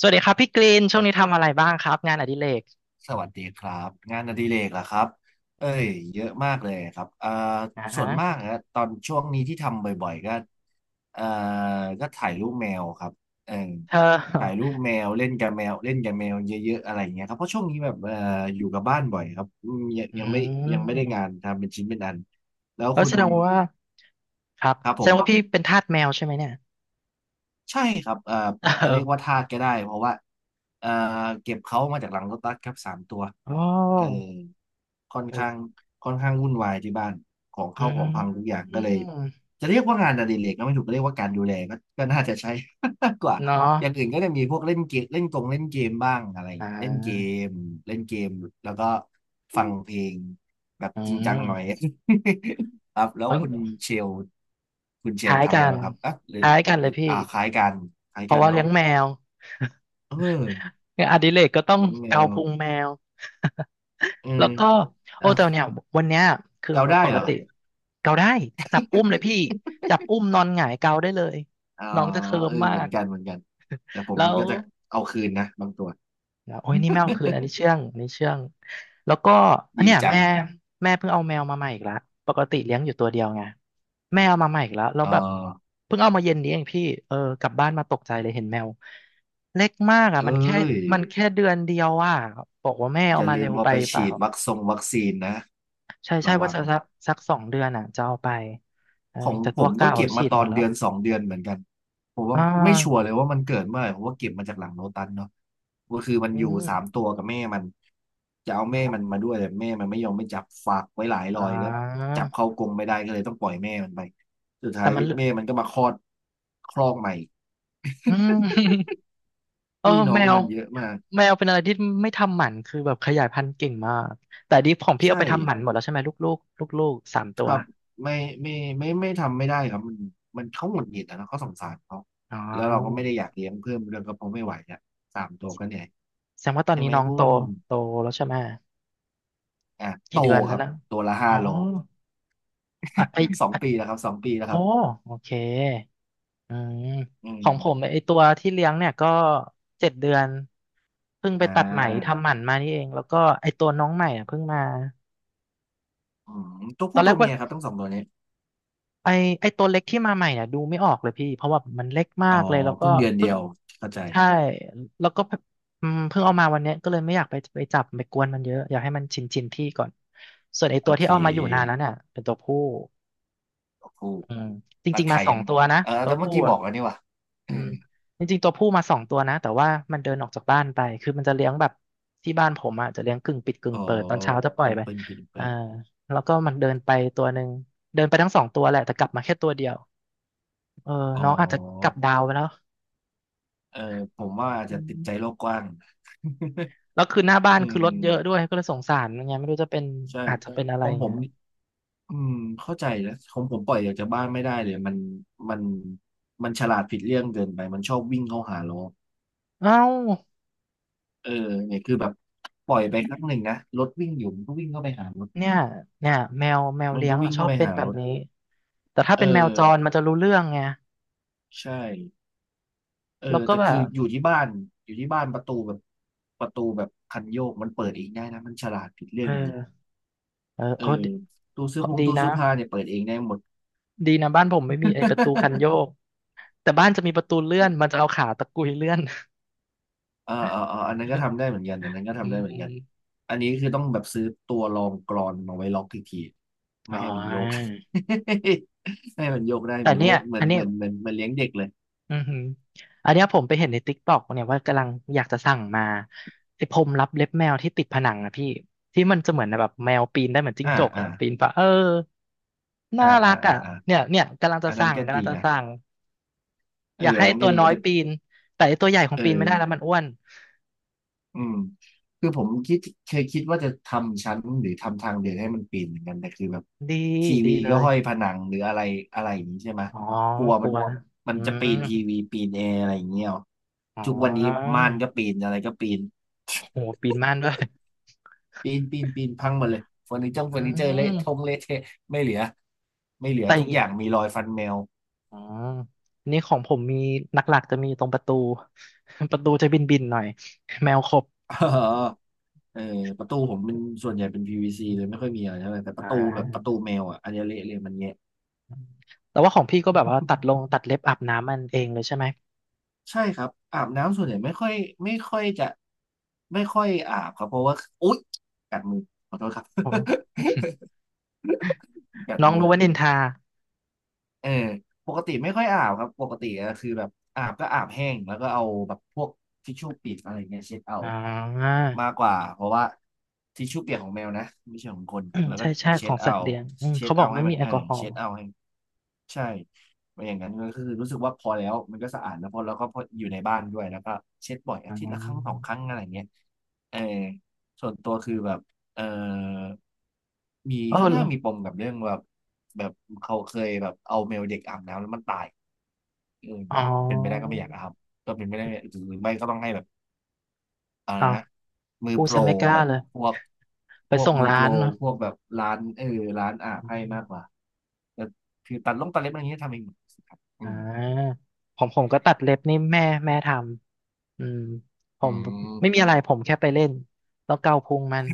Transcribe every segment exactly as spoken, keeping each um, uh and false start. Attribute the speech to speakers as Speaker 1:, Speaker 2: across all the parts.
Speaker 1: สวัสดีครับพี่กรีนช่วงนี้ทำอะไรบ้างครับงานอดิเรก
Speaker 2: สวัสดีครับงานอดิเรกเหรอครับเอ้ยเยอะมากเลยครับเอ่า
Speaker 1: อ่า
Speaker 2: ส่วนมา
Speaker 1: ฮะ
Speaker 2: กอะตอนช่วงนี้ที่ทำบ่อยๆก็เอ่อก็ถ่ายรูปแมวครับเออ
Speaker 1: เธ
Speaker 2: ถ่ายรู
Speaker 1: อ
Speaker 2: ปแมวเล่นกับแมวเล่นกับแมวเยอะๆอะไรอย่างเงี้ยครับเพราะช่วงนี้แบบเอ่ออยู่กับบ้านบ่อยครับอืมยัง
Speaker 1: อื
Speaker 2: ยังไม่ยังไม่ได้งา
Speaker 1: ม
Speaker 2: นทำเป็นชิ้นเป็นอันแล้ว
Speaker 1: แล้ว
Speaker 2: คุ
Speaker 1: แส
Speaker 2: ณ
Speaker 1: ดงว่าครับ
Speaker 2: ครับผ
Speaker 1: แสดงว่าพี่
Speaker 2: ม
Speaker 1: เป็นทาสแมวใช่ไหมเนี่ย
Speaker 2: ใช่ครับเอ่อ
Speaker 1: เ
Speaker 2: จะเรียกว่า
Speaker 1: ออ
Speaker 2: ทาสก็ได้เพราะว่าเอ่อเก็บเขามาจากหลังรถบัสครับสามตัว
Speaker 1: โอ
Speaker 2: เออ
Speaker 1: ้
Speaker 2: ค่อน
Speaker 1: โอ้ย
Speaker 2: ข้างค่อนข้างวุ่นวายที่บ้านของ
Speaker 1: อื
Speaker 2: เข้าของพังทุกอย่าง
Speaker 1: ม
Speaker 2: ก็เลยจะเรียกว่างานอดิเรกก็ไม่ถูกก็เรียกว่าการดูแลก็ก็น่าจะใช้ กกว่า
Speaker 1: เนาะ
Speaker 2: อย่างอื่นก็จะมีพวกเล่นเกมเล่นกงเล่นเกมบ้างอะไร
Speaker 1: อ่
Speaker 2: เล่นเก
Speaker 1: า
Speaker 2: มเล่นเกมแล้วก็ฟังเพลงแบบ
Speaker 1: อื
Speaker 2: จริงจังหน่อย
Speaker 1: ม
Speaker 2: ครับแล้ว
Speaker 1: เอ้
Speaker 2: คุณ
Speaker 1: ย
Speaker 2: เชลคุณเช
Speaker 1: ค
Speaker 2: ล
Speaker 1: ล้าย
Speaker 2: ทำ
Speaker 1: กั
Speaker 2: อะไร
Speaker 1: น
Speaker 2: บ้างครับอ่ะ หรื
Speaker 1: ค
Speaker 2: อ
Speaker 1: ล้ายกันเลยพี่
Speaker 2: อ่าคล้ายกันคล้าย
Speaker 1: เพ
Speaker 2: กั
Speaker 1: ราะ
Speaker 2: น
Speaker 1: ว่า
Speaker 2: เนาะ
Speaker 1: เลี้ยงแมว
Speaker 2: เออ
Speaker 1: งานอดิเรกก็ต้อง
Speaker 2: เลี้ยงแม
Speaker 1: เกา
Speaker 2: ว
Speaker 1: พุงแมว
Speaker 2: อื
Speaker 1: แล้
Speaker 2: ม
Speaker 1: วก็โอ้
Speaker 2: อ่ะ
Speaker 1: แต่เนี่ยวันเนี้ยคือ
Speaker 2: เกาได้
Speaker 1: ปก
Speaker 2: เห
Speaker 1: ก
Speaker 2: รอ
Speaker 1: ติเกาได้จับอุ้มเลยพี่จับอุ้มนอนหงายเกาได้เลย
Speaker 2: อ๋อ
Speaker 1: น้องจะเคลิ้
Speaker 2: เอ
Speaker 1: ม
Speaker 2: อ
Speaker 1: มา
Speaker 2: เหมือน
Speaker 1: ก
Speaker 2: กันเหมือนกันแต่ ผม
Speaker 1: แล้
Speaker 2: มัน
Speaker 1: ว
Speaker 2: ก็จะเอาคืนนะบางตัว
Speaker 1: โอ้ยนี่แมวคืนอันนี้เชื่องอันนี้เชื่องแล้วก็อัน
Speaker 2: ดี
Speaker 1: เนี้ย
Speaker 2: จั
Speaker 1: แม่
Speaker 2: ง
Speaker 1: แม่เพิ่งเอาแมวมาใหม่อีกละปกติเลี้ยงอยู่ตัวเดียวไงแม่เอามาใหม่อีกแล้วแล้ว
Speaker 2: เอ
Speaker 1: แบบ
Speaker 2: อ
Speaker 1: เพิ่งเอามาเย็นนี้เองพี่เออกลับบ้านมาตกใจเลยเห็นแมวเล็กมากอ่ะ
Speaker 2: เอ้
Speaker 1: มันแค่
Speaker 2: ย
Speaker 1: มันแค่เดือนเดียวอ่ะบอกว่าแม่
Speaker 2: อ
Speaker 1: เอา
Speaker 2: ย่า
Speaker 1: มา
Speaker 2: ลื
Speaker 1: เร็
Speaker 2: ม
Speaker 1: ว
Speaker 2: เอา
Speaker 1: ไป
Speaker 2: ไป
Speaker 1: เป
Speaker 2: ฉี
Speaker 1: ล่า
Speaker 2: ดวัคซงวัคซีนนะ
Speaker 1: ใช่ใช่
Speaker 2: ระ
Speaker 1: ว่า
Speaker 2: วัง
Speaker 1: จะสักสักสองเดือนอ่ะจะเอาไปเออ
Speaker 2: ของ
Speaker 1: แต่
Speaker 2: ผ
Speaker 1: ตัว
Speaker 2: มก็
Speaker 1: เก่า
Speaker 2: เก็บ
Speaker 1: ฉี
Speaker 2: มา
Speaker 1: ด
Speaker 2: ต
Speaker 1: ห
Speaker 2: อ
Speaker 1: มด
Speaker 2: น
Speaker 1: แล้ว
Speaker 2: เดือนสองเดือนเหมือนกันผม
Speaker 1: อ่
Speaker 2: ว่าไม่ชัวร์
Speaker 1: า
Speaker 2: เลยว่ามันเกิดเมื่อไหร่ผมว่าเก็บมาจากหลังโลตัสเนาะก็คือมัน
Speaker 1: อื
Speaker 2: อยู่
Speaker 1: ม
Speaker 2: สามตัวกับแม่มันจะเอา
Speaker 1: อ
Speaker 2: แม่มัน
Speaker 1: ม
Speaker 2: มาด้วยแต่แม่มันไม่ยอมไม่จับฝากไว้หลาย
Speaker 1: อ่
Speaker 2: รอยก็
Speaker 1: า
Speaker 2: จับเข้ากรงไม่ได้ก็เลยต้องปล่อยแม่มันไปสุดท้า
Speaker 1: แต่
Speaker 2: ย
Speaker 1: มันเหลือ
Speaker 2: แม่มันก็มาคลอดคลอกใหม่
Speaker 1: อืม เออ
Speaker 2: พี่น้อ
Speaker 1: แม
Speaker 2: ง
Speaker 1: ว
Speaker 2: มันเยอะมาก
Speaker 1: แมวเป็นอะไรที่ไม่ทำหมันคือแบบขยายพันธุ์เก่งมากแต่ดิฟของพี่
Speaker 2: ใช่
Speaker 1: เอาไปทำหมันหมดแล้วใช่ไหมลูกลูกลูกลูกๆสามตั
Speaker 2: ค
Speaker 1: ว
Speaker 2: รับไม่ไม่ไม่ไม่ทำไม่ได้ครับมันมันเขาหงุดหงิดอะนะเขาสงสารเขา
Speaker 1: อ๋
Speaker 2: แล้วเราก็ไม่
Speaker 1: อ
Speaker 2: ได้อยากเลี้ยงเพิ่มเรื่องก็เพราะไม่ไหวอ่ะสามตัวก็เหนื่อย
Speaker 1: แสดงว่าตอน
Speaker 2: ใช่
Speaker 1: นี้
Speaker 2: ไหม
Speaker 1: น้อง
Speaker 2: บุ
Speaker 1: โต
Speaker 2: ญ
Speaker 1: โตแล้วใช่ไหม
Speaker 2: อ่ะโต
Speaker 1: กี่เดือนแล้
Speaker 2: ค
Speaker 1: ว
Speaker 2: รับ
Speaker 1: นะ
Speaker 2: ตัวละ
Speaker 1: อ๋
Speaker 2: ห้า
Speaker 1: อ
Speaker 2: โล
Speaker 1: อ่ะไอ
Speaker 2: สอง
Speaker 1: อ่ะ
Speaker 2: ปีแล้วครับสองปีแล้วค
Speaker 1: โอ้
Speaker 2: รับ
Speaker 1: โอเค อืม
Speaker 2: อื
Speaker 1: ขอ
Speaker 2: ม
Speaker 1: งผมไอตัวที่เลี้ยงเนี่ยก็เจ็ดเดือนเพิ่งไป
Speaker 2: อ่
Speaker 1: ตัดไหม
Speaker 2: า
Speaker 1: ทำหมันมานี่เองแล้วก็ไอตัวน้องใหม่อ่ะเพิ่งมา
Speaker 2: อืมตัว
Speaker 1: ตอ
Speaker 2: ผู้
Speaker 1: นแร
Speaker 2: ตั
Speaker 1: ก
Speaker 2: ว
Speaker 1: ว่า
Speaker 2: เมียครับทั้งสองตัวนี้
Speaker 1: ไอไอตัวเล็กที่มาใหม่เนี่ยดูไม่ออกเลยพี่เพราะว่ามันเล็กมา
Speaker 2: อ๋อ
Speaker 1: กเลยแล้วก็
Speaker 2: เพิ่งเดือนเดี
Speaker 1: เพิ่ง
Speaker 2: ยวเข้าใจ
Speaker 1: ใช่แล้วก็อืมเพิ่งเอามาวันเนี้ยก็เลยไม่อยากไปไปจับไปกวนมันเยอะอยากให้มันชินชินที่ก่อนส่วนไอ
Speaker 2: โอ
Speaker 1: ตัว
Speaker 2: เค
Speaker 1: ที่เอามาอยู่นานแล้วเนี่ยเป็นตัวผู้
Speaker 2: ตัวผู้
Speaker 1: อืมจ
Speaker 2: ตัด
Speaker 1: ริงๆมา
Speaker 2: ไข่
Speaker 1: สอ
Speaker 2: ยั
Speaker 1: ง
Speaker 2: ง
Speaker 1: ตัวนะ
Speaker 2: เออ
Speaker 1: ตั
Speaker 2: แต่
Speaker 1: ว
Speaker 2: เมื่
Speaker 1: ผู้
Speaker 2: อกี้บ
Speaker 1: อ่ะ
Speaker 2: อกแล้วนี่ว่ะเอ
Speaker 1: อื
Speaker 2: อ
Speaker 1: มจริงๆตัวผู้มาสองตัวนะแต่ว่ามันเดินออกจากบ้านไปคือมันจะเลี้ยงแบบที่บ้านผมอ่ะจะเลี้ยงกึ่งปิดกึ่ง
Speaker 2: อ๋อ
Speaker 1: เปิดตอนเช้าจะปล่อย
Speaker 2: ดิ
Speaker 1: ไป
Speaker 2: เปิลปิลเปิ
Speaker 1: อ่า
Speaker 2: ล
Speaker 1: แล้วก็มันเดินไปตัวหนึ่งเดินไปทั้งสองตัวแหละแต่กลับมาแค่ตัวเดียวเออ
Speaker 2: อ๋อ
Speaker 1: น้องอาจจะกลับดาวไปแล้ว
Speaker 2: เออผมว่าอาจ
Speaker 1: อื
Speaker 2: จะติดใจ
Speaker 1: ม
Speaker 2: โลกกว้าง
Speaker 1: แล้วคือหน้าบ้า น
Speaker 2: อื
Speaker 1: คือร
Speaker 2: ม
Speaker 1: ถเยอะด้วยก็เลยสงสารมันไงไม่รู้จะเป็น
Speaker 2: ใช่
Speaker 1: อาจจะเป็นอะไร
Speaker 2: ขอ
Speaker 1: อ
Speaker 2: ง
Speaker 1: ย่าง
Speaker 2: ผม
Speaker 1: เงี้ย
Speaker 2: นี่อืมเข้าใจนะของผมปล่อยออกจากบ้านไม่ได้เลยมันมันมันฉลาดผิดเรื่องเกินไปมันชอบวิ่งเข้าหาล้อ
Speaker 1: เอ้า
Speaker 2: เออเนี่ยคือแบบปล่อยไปครั้งหนึ่งนะรถวิ่งอยู่มันก็วิ่งเข้าไปหารถ
Speaker 1: เนี่ยเนี่ยแมวแมว
Speaker 2: มัน
Speaker 1: เลี้ย
Speaker 2: ก็
Speaker 1: งอะ
Speaker 2: วิ่ง
Speaker 1: ชอ
Speaker 2: เข้า
Speaker 1: บ
Speaker 2: ไป
Speaker 1: เป็น
Speaker 2: หา
Speaker 1: แบ
Speaker 2: ร
Speaker 1: บ
Speaker 2: ถ
Speaker 1: นี้แต่ถ้า
Speaker 2: เออ
Speaker 1: เป็นแมวจรมันจะรู้เรื่องไง
Speaker 2: ใช่เออ
Speaker 1: แล้วก็
Speaker 2: แต่
Speaker 1: แบ
Speaker 2: คือ
Speaker 1: บ
Speaker 2: อยู่ที่บ้านอยู่ที่บ้านประตูแบบประตูแบบคันโยกมันเปิดเองได้นะมันฉลาดผิดเรื่
Speaker 1: เอ
Speaker 2: อ
Speaker 1: อ
Speaker 2: งนี้
Speaker 1: เออ
Speaker 2: เออ
Speaker 1: โอ้ดี
Speaker 2: ตู้เสื้อผง
Speaker 1: ดี
Speaker 2: ตู้
Speaker 1: นะ
Speaker 2: เสื้อผ้าเนี่ยเปิดเองได้หมด
Speaker 1: ดีนะบ้านผมไม่มีไอ้ประตูคันโย กแต่บ้านจะมีประตูเลื่อนมันจะเอาขาตะกุยเลื่อน
Speaker 2: อ่าอ่าอาอันนั้นก็ ทำได้เหมือนกันอันนั้นก็
Speaker 1: อื
Speaker 2: ทำได้เหมือนกัน
Speaker 1: ม
Speaker 2: อันนี้คือต้องแบบซื้อตัวรองกลอนมาไว้ล็อกอีกที
Speaker 1: อ๋
Speaker 2: ไม่
Speaker 1: อ
Speaker 2: ให้มันโยก ไม่ให้มันโยกได้
Speaker 1: แต่
Speaker 2: เหมือน
Speaker 1: เนี่
Speaker 2: เล่
Speaker 1: ย
Speaker 2: นเหมือ
Speaker 1: อั
Speaker 2: น
Speaker 1: นเนี้
Speaker 2: เห
Speaker 1: ย
Speaker 2: มือนเหมือนเหมือนเลี้ยงเด็กเลย
Speaker 1: อือหืออันเนี้ยผมไปเห็นในติ๊กต็อกเนี่ยว่ากำลังอยากจะสั่งมาไอ้พรมรับเล็บแมวที่ติดผนังอะพี่ที่มันจะเหมือนแบบแมวปีนได้เหมือนจิ้ง
Speaker 2: อ่า
Speaker 1: จก
Speaker 2: อ่า
Speaker 1: อะปีนปะเออ
Speaker 2: อ่า
Speaker 1: น่ารั
Speaker 2: อ่า
Speaker 1: ก
Speaker 2: อ่า
Speaker 1: อะ
Speaker 2: อ่า
Speaker 1: เนี่ยเนี่ยกำลังจะ
Speaker 2: อันนั้น
Speaker 1: สั่ง
Speaker 2: ก็
Speaker 1: กำ
Speaker 2: ดี
Speaker 1: ลังจะ
Speaker 2: นะ
Speaker 1: สั่ง
Speaker 2: เอ
Speaker 1: อ
Speaker 2: อ
Speaker 1: ยาก
Speaker 2: อั
Speaker 1: ให้
Speaker 2: นนั้น
Speaker 1: ตั
Speaker 2: ก็
Speaker 1: ว
Speaker 2: ดี
Speaker 1: น้อ
Speaker 2: นะ
Speaker 1: ย
Speaker 2: แต่
Speaker 1: ปีนแต่ไอ้ตัวใหญ่ของ
Speaker 2: เออ
Speaker 1: ปีนไม่ได้แล้วมันอ้วน
Speaker 2: อืมคือผมคิดเคยคิดว่าจะทำชั้นหรือทำทางเดินให้มันปีนเหมือนกันแต่คือแบบ
Speaker 1: ดี
Speaker 2: ที
Speaker 1: ดี
Speaker 2: วี
Speaker 1: เล
Speaker 2: ก็
Speaker 1: ย
Speaker 2: ห้อยผนังหรืออะไรอะไรอย่างนี้ใช่ไหม
Speaker 1: อ๋อ
Speaker 2: กลัว
Speaker 1: ก
Speaker 2: มั
Speaker 1: ลั
Speaker 2: น
Speaker 1: ว
Speaker 2: มั
Speaker 1: อื
Speaker 2: นจะปี
Speaker 1: ม
Speaker 2: นทีวีปีนแอร์อะไรอย่างเงี้ยเอา
Speaker 1: อ๋
Speaker 2: ทุกวันนี้
Speaker 1: อ
Speaker 2: ม่านก็ปีนอะไรก็ปีน
Speaker 1: โหปีนม่านด้วย
Speaker 2: ปีนปีนปีนพังหมดเลยเฟอร์นิเจอร์
Speaker 1: อื
Speaker 2: เฟอร์นิเจอร์เละทง
Speaker 1: ม
Speaker 2: เละเทะไม่เหลือไม่เหลือ
Speaker 1: แต่อ
Speaker 2: ทุ
Speaker 1: ย่าง
Speaker 2: กอ
Speaker 1: เงี้ย
Speaker 2: ย่างมีรอยฟันแมว
Speaker 1: อ๋อนนี่ของผมมีหลักๆจะมีตรงประตู ประตูจะบินๆหน่อย แมวขบ
Speaker 2: เออเออประตูผมเป็นส่วนใหญ่เป็น พี วี ซี เลยไม่ค่อยมีอะไรเท่าไหร่แต่ป
Speaker 1: อ่
Speaker 2: ระตูแบบประตู
Speaker 1: า
Speaker 2: แมวอ่ะอันเนี้เละเลยมันแงะ
Speaker 1: แต่ว่าของพี่ก็แบบว่าตัดลงตัดเล็บอาบน้ำมันเองเลยใช่ไหม
Speaker 2: ใช่ครับอาบน้ำส่วนใหญ่ไม่ค่อยไม่ค่อยจะไม่ค่อยอาบครับเพราะว่าอุ๊ยกัดมือขอโทษครับ
Speaker 1: โอ้
Speaker 2: กัด
Speaker 1: น้อง
Speaker 2: มือ
Speaker 1: รู้ว่านินทา
Speaker 2: เออปกติไม่ค่อยอาบครับปกติก็คือแบบอาบก็อาบแห้งแล้วก็เอาแบบพวกทิชชู่เปียกอะไรเงี้ยเช็ดเอา
Speaker 1: อ่า
Speaker 2: มากกว่าเพราะว่าทิชชู่เปียกของแมวนะไม่ใช่ของคน
Speaker 1: อืม
Speaker 2: แล้ว ก็
Speaker 1: ใช่ใช่ข
Speaker 2: เช็
Speaker 1: อ
Speaker 2: ด
Speaker 1: งสั
Speaker 2: เอา
Speaker 1: ตว์เลี้ยงอืม
Speaker 2: เช็ด
Speaker 1: เขาบอ
Speaker 2: เอา
Speaker 1: กไม่
Speaker 2: ให้มั
Speaker 1: มี
Speaker 2: น
Speaker 1: แอ
Speaker 2: เอ
Speaker 1: ล
Speaker 2: อ
Speaker 1: กอฮอ
Speaker 2: เช็
Speaker 1: ล์
Speaker 2: ดเอาให้ใช่ไม่อย่างนั้นก็คือรู้สึกว่าพอแล้วมันก็สะอาดแล้วพอแล้วก็พออยู่ในบ้านด้วยแล้วก็เช็ดบ่อยอา
Speaker 1: อ่
Speaker 2: ทิตย์ละครั้งสอง
Speaker 1: า
Speaker 2: ครั้งอะไรเงี้ยเออส่วนตัวคือแบบเออมี
Speaker 1: เออ
Speaker 2: ค่อน
Speaker 1: เหรอ
Speaker 2: ข้างมีปมกับเรื่องแบบ แบบเขาเคยแบบเอาเมลเด็กอาบน้ำแล้วมันตายอืม
Speaker 1: อ๋อ
Speaker 2: เป็นไปได้ก็ไม่อยากอาบก็เป็นไปได้หรือไม่ก็ต้องให้แบบอะไร
Speaker 1: อ้าว
Speaker 2: นะมือ
Speaker 1: พูด
Speaker 2: โปร
Speaker 1: ซะไม่กล้า
Speaker 2: แบบ
Speaker 1: เลย
Speaker 2: พวก
Speaker 1: ไป
Speaker 2: พวก
Speaker 1: ส่ง
Speaker 2: มือ
Speaker 1: ร้า
Speaker 2: โปร
Speaker 1: นเนาะ
Speaker 2: พวกแบบร้านเออร้านอาบให้มากกว่าแต่คือตัดลงตัดเล็บอะไรอย่างเงี้ยทำเองหมดครับอื
Speaker 1: อ่
Speaker 2: ม
Speaker 1: าผมผมก็ตัดเล็บนี่แม่แม่ทำอืมผ
Speaker 2: อื
Speaker 1: มไม่มี
Speaker 2: ม
Speaker 1: อะไรผมแค่ไปเล่นแล้วเกาพุงมัน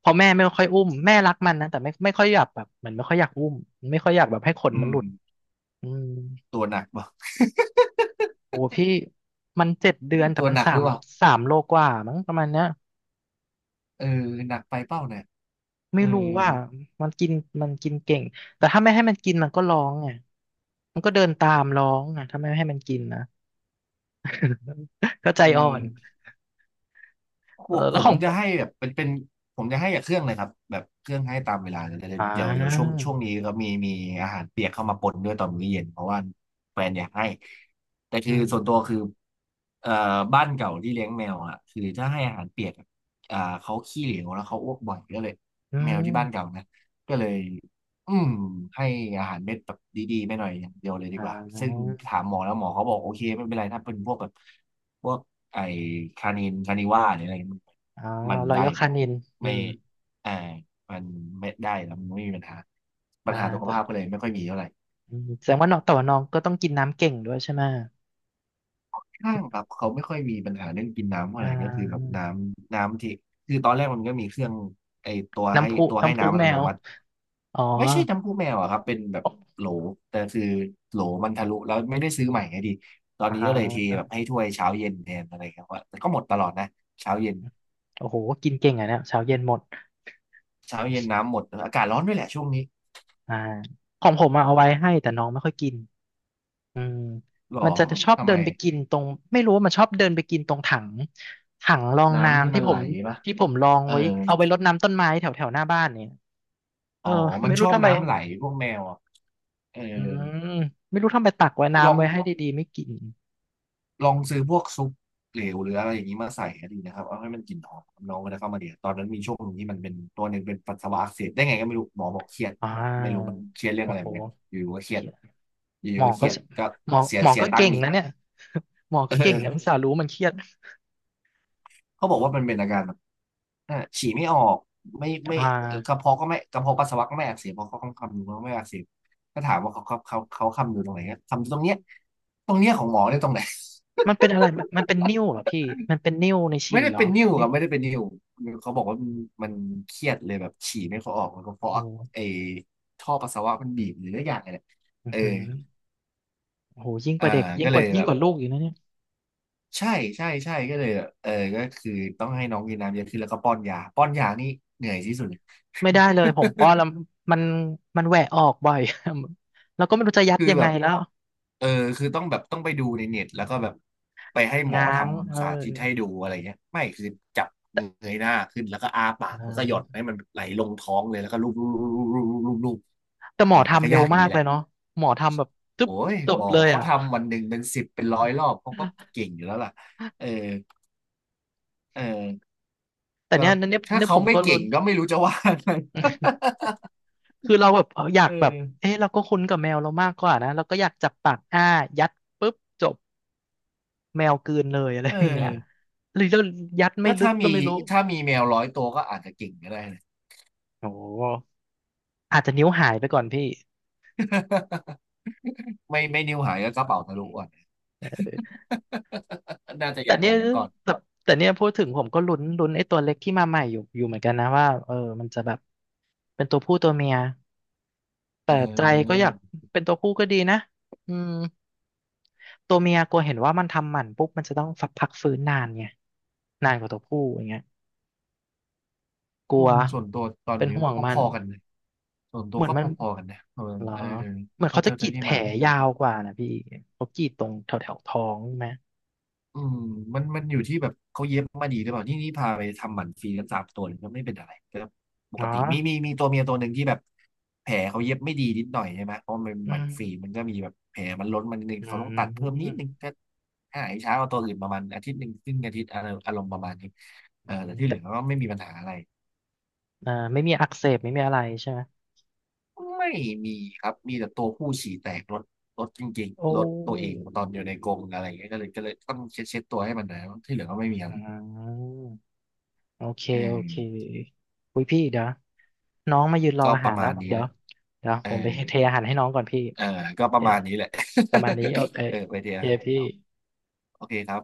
Speaker 1: เพอแม่ไม่ค่อยอุ้มแม่รักมันนะแต่ไม่ไม่ค่อยอยากแบบเหมือนไม่ค่อยอยากอุ้มไม่ค่อยอยากแบบให้ขน
Speaker 2: อื
Speaker 1: มันห
Speaker 2: ม
Speaker 1: ลุดอืม
Speaker 2: ตัวหนักบ่า
Speaker 1: โอ้พี่มันเจ็ดเดือน แต่
Speaker 2: ตัว
Speaker 1: มัน
Speaker 2: หนัก
Speaker 1: สา
Speaker 2: หรื
Speaker 1: ม
Speaker 2: อเปล่า
Speaker 1: สามโลกว่ามั้งประมาณเนี้ย
Speaker 2: เออหนักไปเป้าเนี่ย
Speaker 1: ไม่
Speaker 2: เออ
Speaker 1: รู้ว่ามันกินมันกินเก่งแต่ถ้าไม่ให้มันกินมันก็ร้องไงมันก็เดินตามร้องอ่ะถ้าไม่ให้มันกินนะ ก็ใจ
Speaker 2: เอ
Speaker 1: อ่อน
Speaker 2: อ โห
Speaker 1: เออ
Speaker 2: ผ
Speaker 1: แล้วข
Speaker 2: ม
Speaker 1: อง
Speaker 2: จะให้แบบเป็นเป็นผมจะให้กับเครื่องเลยครับแบบเครื่องให้ตามเวลาเลยแต่
Speaker 1: อ่
Speaker 2: เดี๋ยวเดี๋ยวช่วง
Speaker 1: า
Speaker 2: ช่วงนี้ก็มีมีอาหารเปียกเข้ามาปนด้วยตอนมื้อเย็นเพราะว่าแฟนอยากให้แต่
Speaker 1: อื
Speaker 2: คือส่วนตัวคือ
Speaker 1: ม
Speaker 2: เอ่อบ้านเก่าที่เลี้ยงแมวอ่ะคือถ้าให้อาหารเปียกอะอ่าเขาขี้เหลวแล้วเขาอ้วกบ่อยก็เลย
Speaker 1: อื
Speaker 2: แมวที่บ้านเก่า
Speaker 1: ม
Speaker 2: นะก็เลยอืมให้อาหารเม็ดแบบดีๆไม่หน่อยอย่างเดียวเลยดี
Speaker 1: อ่
Speaker 2: กว่าซึ่ง
Speaker 1: า
Speaker 2: ถามหมอแล้วหมอเขาบอกโอเคไม่เป็นไรถ้าเป็นพวกแบบ พวกไอคานินคานิว่าหรืออะไรมัน
Speaker 1: อ่า
Speaker 2: มัน
Speaker 1: ลอ
Speaker 2: ได้
Speaker 1: ยอ
Speaker 2: ค
Speaker 1: คา
Speaker 2: รับ
Speaker 1: นินอื
Speaker 2: ไม่
Speaker 1: ม
Speaker 2: อ่ามันไม่ได้แล้วมันไม่มีปัญหาปั
Speaker 1: อ่า
Speaker 2: ญหาสุข
Speaker 1: แต่
Speaker 2: ภาพก็เลยไม่ค่อยมีเท่าไหร่
Speaker 1: อืมแสดงว่าน้องแต่ว่าน้องก็ต้องกินน้ำเก่งด้วยใช่ไหม
Speaker 2: ข้างครับเขาไม่ค่อยมีปัญหาเรื่องกินน้ำเท่าไห
Speaker 1: อ่า
Speaker 2: ร่ก็คือแบบน้ำน้ำที่คือตอนแรกมันก็มีเครื่องไอตัวให้
Speaker 1: น้ำพุ
Speaker 2: ตัวให้
Speaker 1: น้ำพุ
Speaker 2: น้ำอั
Speaker 1: แม
Speaker 2: ตโน
Speaker 1: ว
Speaker 2: มัติ
Speaker 1: อ๋อ
Speaker 2: ไม่ใช่น้ำพุแมวอะครับเป็นแบบโหลแต่คือโหลมันทะลุแล้วไม่ได้ซื้อใหม่ไงดีตอน
Speaker 1: อ่
Speaker 2: นี้ก็เลยเท
Speaker 1: า
Speaker 2: แบบให้ถ้วยเช้าเย็นแทนอะไรครับว่าแต่ก็หมดตลอดนะเช้าเย็น
Speaker 1: โอ้โหกินเก่งอ่ะเนี่ยเช้าเย็นหมด
Speaker 2: เช้าเย็นน้ำหมดเอออากาศร้อนด้วยแหละช่วงนี้
Speaker 1: อ่าของผมอะเอาไว้ให้แต่น้องไม่ค่อยกินอืม
Speaker 2: หรอ
Speaker 1: มันจะชอบ
Speaker 2: ทำ
Speaker 1: เดิ
Speaker 2: ไม
Speaker 1: นไปกินตรงไม่รู้ว่ามันชอบเดินไปกินตรงถังถังรอง
Speaker 2: น้ำที่
Speaker 1: น้ำที่
Speaker 2: มัน
Speaker 1: ผ
Speaker 2: ไหล
Speaker 1: ม
Speaker 2: ปะ
Speaker 1: ที่ผมลอง
Speaker 2: เออ
Speaker 1: ไว้เอาไว้รดน้ำต้นไม้แถวแถวหน้าบ้านเนี่ย เอ
Speaker 2: อ๋
Speaker 1: อ
Speaker 2: อมัน
Speaker 1: ไม่
Speaker 2: ช
Speaker 1: รู้
Speaker 2: อบ
Speaker 1: ทำไม
Speaker 2: น้ำไหลพวกแมวอ่ะเออ
Speaker 1: อืมไม่รู้ทำไมตักไว้
Speaker 2: ลอ
Speaker 1: น้ำ
Speaker 2: ง
Speaker 1: ไว้ให้ดีๆไม่กิน
Speaker 2: ลองซื้อพวกซุปเหลวหรืออะไรอย่างนี้มาใส่ก็ดีนะครับเอาให้มันกลิ่นหอมน้องก็ได้เข้ามาเดียวตอนนั้นมีช่วงหนึ่งที่มันเป็นตัวหนึ่งเป็นปัสสาวะอักเสบได้ไงก็ไม่รู้หมอบอกเครียด
Speaker 1: อ่
Speaker 2: ไม่รู้มั
Speaker 1: า
Speaker 2: นเครียดเรื่อง
Speaker 1: โอ้
Speaker 2: อะไร
Speaker 1: โห
Speaker 2: เหมือนกันอยู่ๆก็เครี
Speaker 1: เค
Speaker 2: ยด
Speaker 1: รียด
Speaker 2: อ
Speaker 1: หม
Speaker 2: ยู่ๆ
Speaker 1: อ
Speaker 2: ก็เค
Speaker 1: ก็
Speaker 2: รียดก็
Speaker 1: หมอ
Speaker 2: เสีย
Speaker 1: หมอ
Speaker 2: เสีย
Speaker 1: ก็
Speaker 2: ตัง
Speaker 1: เก่
Speaker 2: ค์
Speaker 1: ง
Speaker 2: อีก
Speaker 1: นะเนี่ยหมอ ก็เก่งนะ
Speaker 2: เออ
Speaker 1: อุตส่าห์รู้มันเครียด
Speaker 2: เขาบอกว่ามันเป็นอาการแบบอ่าฉี่ไม่ออกไม่ไม่
Speaker 1: อ่
Speaker 2: เอ่อกระ
Speaker 1: า
Speaker 2: เพาะก็ไม่กระเพาะปัสสาวะก็ไม่อักเสบเพราะเขาคำนวณว่าไม่อักเสบก็ถามว่าเขาเขาเขาเขาคำนวณตรงไหนครับคำนวณตรงเนี้ยตรงเนี้ยของหมอเนี่ยตรงไหน
Speaker 1: มันเป็นอะไรมันมันเป็นนิ่วเหรอพี่มันเป็นนิ่วใน
Speaker 2: ไม่
Speaker 1: ฉี่
Speaker 2: ได้
Speaker 1: เหรอ
Speaker 2: เป็นนิ่ว
Speaker 1: นิ่
Speaker 2: ครั
Speaker 1: ว
Speaker 2: บไม่ได้เป็นนิ่วเขาบอกว่ามันนเครียดเลยแบบฉี่ไม่ค่อยออกมันก็เพ
Speaker 1: โอ้
Speaker 2: ราะ
Speaker 1: โห
Speaker 2: ไอ้ท่อปัสสาวะมันบีบหรืออะไรอย่างเงี้ยแหละ
Speaker 1: อือ
Speaker 2: เออ
Speaker 1: หือโอ้โหยิ่งก
Speaker 2: อ่า
Speaker 1: ว่าเด็กยิ่ง
Speaker 2: ก็
Speaker 1: ก
Speaker 2: เล
Speaker 1: ว่า
Speaker 2: ย
Speaker 1: ยิ่
Speaker 2: แบ
Speaker 1: ง
Speaker 2: บ
Speaker 1: กว่าลูกอยู่นะเนี่ย
Speaker 2: ใช่ใช่ใช่ก็เลยแบบเออก็คือต้องให้น้องกินน้ำเยอะขึ้นแล้วก็ป้อนยาป้อนยานี่เหนื่อยที่สุด
Speaker 1: ไม่ได้เลยผมป้อน แล้วมันมันแหวะออกบ่อย แล้วก็ไม่รู้จะยัด
Speaker 2: คือ
Speaker 1: ยัง
Speaker 2: แบ
Speaker 1: ไง
Speaker 2: บ
Speaker 1: แล้ว
Speaker 2: เออคือต้องแบบต้องไปดูในเน็ตแล้วก็แบบไปให้หมอ
Speaker 1: ง้า
Speaker 2: ท
Speaker 1: งเออ
Speaker 2: ำสาธิตให้ดูอะไรเงี้ยไม่คือจับเงยหน้าขึ้นแล้วก็อ้าปา
Speaker 1: อ่
Speaker 2: กแล้วก็หย่อ
Speaker 1: า
Speaker 2: นให้มันไหลลงท้องเลยแล้วก็ลูบลูบลูบลูบลูบลูบ
Speaker 1: แต่หม
Speaker 2: เอ
Speaker 1: อ
Speaker 2: อแต่
Speaker 1: ทำ
Speaker 2: ก็
Speaker 1: เร็ว
Speaker 2: ยากอยู่
Speaker 1: มา
Speaker 2: ดี
Speaker 1: ก
Speaker 2: แห
Speaker 1: เล
Speaker 2: ละ
Speaker 1: ยเนาะหมอทำแบบตึ๊บ
Speaker 2: โอ้ย
Speaker 1: จ
Speaker 2: ห
Speaker 1: บ
Speaker 2: มอ
Speaker 1: เลย
Speaker 2: เขา
Speaker 1: อ่ะ
Speaker 2: ทำวันหนึ่งเป็นสิบเป็นร้อยรอบเขาก็เก่งอยู่แล้วล่ะเออเออ
Speaker 1: แต่
Speaker 2: ก็
Speaker 1: เนี้ยเนี่ยเ
Speaker 2: ถ้า
Speaker 1: นี่ยผ
Speaker 2: เขา
Speaker 1: ม
Speaker 2: ไม่
Speaker 1: ก็
Speaker 2: เก่
Speaker 1: ลุ้
Speaker 2: ง
Speaker 1: น
Speaker 2: ก็ไม่รู้จะว่าไง
Speaker 1: คือเราแบบเอออยาก
Speaker 2: เอ
Speaker 1: แบบ
Speaker 2: อ
Speaker 1: เอ๊ะเราก็คุ้นกับแมวเรามากกว่านะเราก็อยากจับปากอ้ายัดปุ๊บจบแมวกลืนเลยอะไร
Speaker 2: เออ
Speaker 1: อย่างเงี้ยหรือเรายัดไม่
Speaker 2: ก็
Speaker 1: ลึ
Speaker 2: ถ้า
Speaker 1: กก็
Speaker 2: มี
Speaker 1: ไม่รู้
Speaker 2: ถ้ามีแมวร้อยตัวก็อาจจะเก่งก็ได้นะ
Speaker 1: โอ้โหอาจจะนิ้วหายไปก่อนพี่
Speaker 2: ไม่ไม่นิ้วหายก็กระเป๋าทะลุอ่ะ น่าจะอ
Speaker 1: แต่
Speaker 2: ย่างห
Speaker 1: เนี่
Speaker 2: ลั
Speaker 1: ย
Speaker 2: งก่อน
Speaker 1: แต่แต่เนี่ยพูดถึงผมก็ลุ้นลุ้นไอ้ตัวเล็กที่มาใหม่อยู่อยู่เหมือนกันนะว่าเออมันจะแบบเป็นตัวผู้ตัวเมีย
Speaker 2: เอ
Speaker 1: แต่ใจก็อยาก
Speaker 2: อ
Speaker 1: เป็นตัวผู้ก็ดีนะอืม ตัวเมียกลัวเห็นว่ามันทำหมันปุ๊บมันจะต้องฝักพักฟื้นนานไงนานกว่าตัวผู้อย่างเงี้ยก
Speaker 2: อื
Speaker 1: ลัว
Speaker 2: มส่วนตัวตอน
Speaker 1: เป็น
Speaker 2: นี้
Speaker 1: ห่วงมั
Speaker 2: พ
Speaker 1: น
Speaker 2: อๆกันเลยส่วนตั
Speaker 1: เห
Speaker 2: ว
Speaker 1: มือน
Speaker 2: ก็
Speaker 1: มั
Speaker 2: พ
Speaker 1: น
Speaker 2: อๆกันนะเออ
Speaker 1: เหรอ
Speaker 2: เออ
Speaker 1: เหมือน
Speaker 2: เข้า
Speaker 1: เขาจะ
Speaker 2: เจ้า
Speaker 1: กรี
Speaker 2: เจ้า
Speaker 1: ด
Speaker 2: ที่
Speaker 1: แผล
Speaker 2: มาคือ
Speaker 1: ยาวกว่านะพี่เขากรีดตรงแถวแถวท้องใช่ไหม
Speaker 2: อืมมันมันอยู่ที่แบบเขาเย็บมาดีหรือเปล่านี่นี่พาไปทำหมันฟรีกันสามตัวเลยก็ไม่เป็นอะไรก็ปกติ
Speaker 1: เนาะ
Speaker 2: มีมีมีตัวเมียตัวหนึ่งที่แบบแผลเขาเย็บไม่ดีนิดหน่อยใช่ไหมเพราะมันเป็น
Speaker 1: อื
Speaker 2: หมันฟรีมัน
Speaker 1: ม
Speaker 2: ก็มีแบบแผลมันล้นมันนดนึง
Speaker 1: อื
Speaker 2: เขาต้องตัดเพิ่ม
Speaker 1: ม
Speaker 2: นิดนึงก็หายช้าเอาตัวอื่นประมาณอาทิตย์หนึ่งครึ่งอาทิตย์อะไรอารมณ์ประมาณนี้เออแต่ที่เหลื
Speaker 1: แต่
Speaker 2: อก็ไม่มีปัญหาอะไร
Speaker 1: อ่าไม่มีอักเสบไม่มีอะไรใช่ไหม
Speaker 2: ไม่มีครับ มีแต่ตัวผู้ฉี่แตกรถรถจริง
Speaker 1: โอ้
Speaker 2: ๆรถตัวเองตอนอยู่ในกรงอะไรอย่างเงี้ยก็เลยก็เลยต้องเช็ดเช็ดตัวให้มันหนะที่เหลือก็ไม่มีอะ
Speaker 1: อ่
Speaker 2: ไร
Speaker 1: าโอเค
Speaker 2: เอ
Speaker 1: โอเค
Speaker 2: อ
Speaker 1: อุ้ยพี่เดี๋ยวน้องมายืนรอ
Speaker 2: ก็
Speaker 1: อา
Speaker 2: ป
Speaker 1: หา
Speaker 2: ระ
Speaker 1: รแล้
Speaker 2: มา
Speaker 1: ว
Speaker 2: ณนี้
Speaker 1: เดี๋ย
Speaker 2: เล
Speaker 1: ว
Speaker 2: ย
Speaker 1: เดี๋ยว
Speaker 2: เอ
Speaker 1: ผ
Speaker 2: อ
Speaker 1: มไปเทอาหารให้น้องก่อนพี่
Speaker 2: เออก็
Speaker 1: โอ
Speaker 2: ป
Speaker 1: เค
Speaker 2: ระมาณนี้แหละ
Speaker 1: ประมาณนี้โอเค
Speaker 2: เออไป
Speaker 1: โอ
Speaker 2: เดียว
Speaker 1: เค
Speaker 2: ค
Speaker 1: พี่
Speaker 2: รับโอเคครับ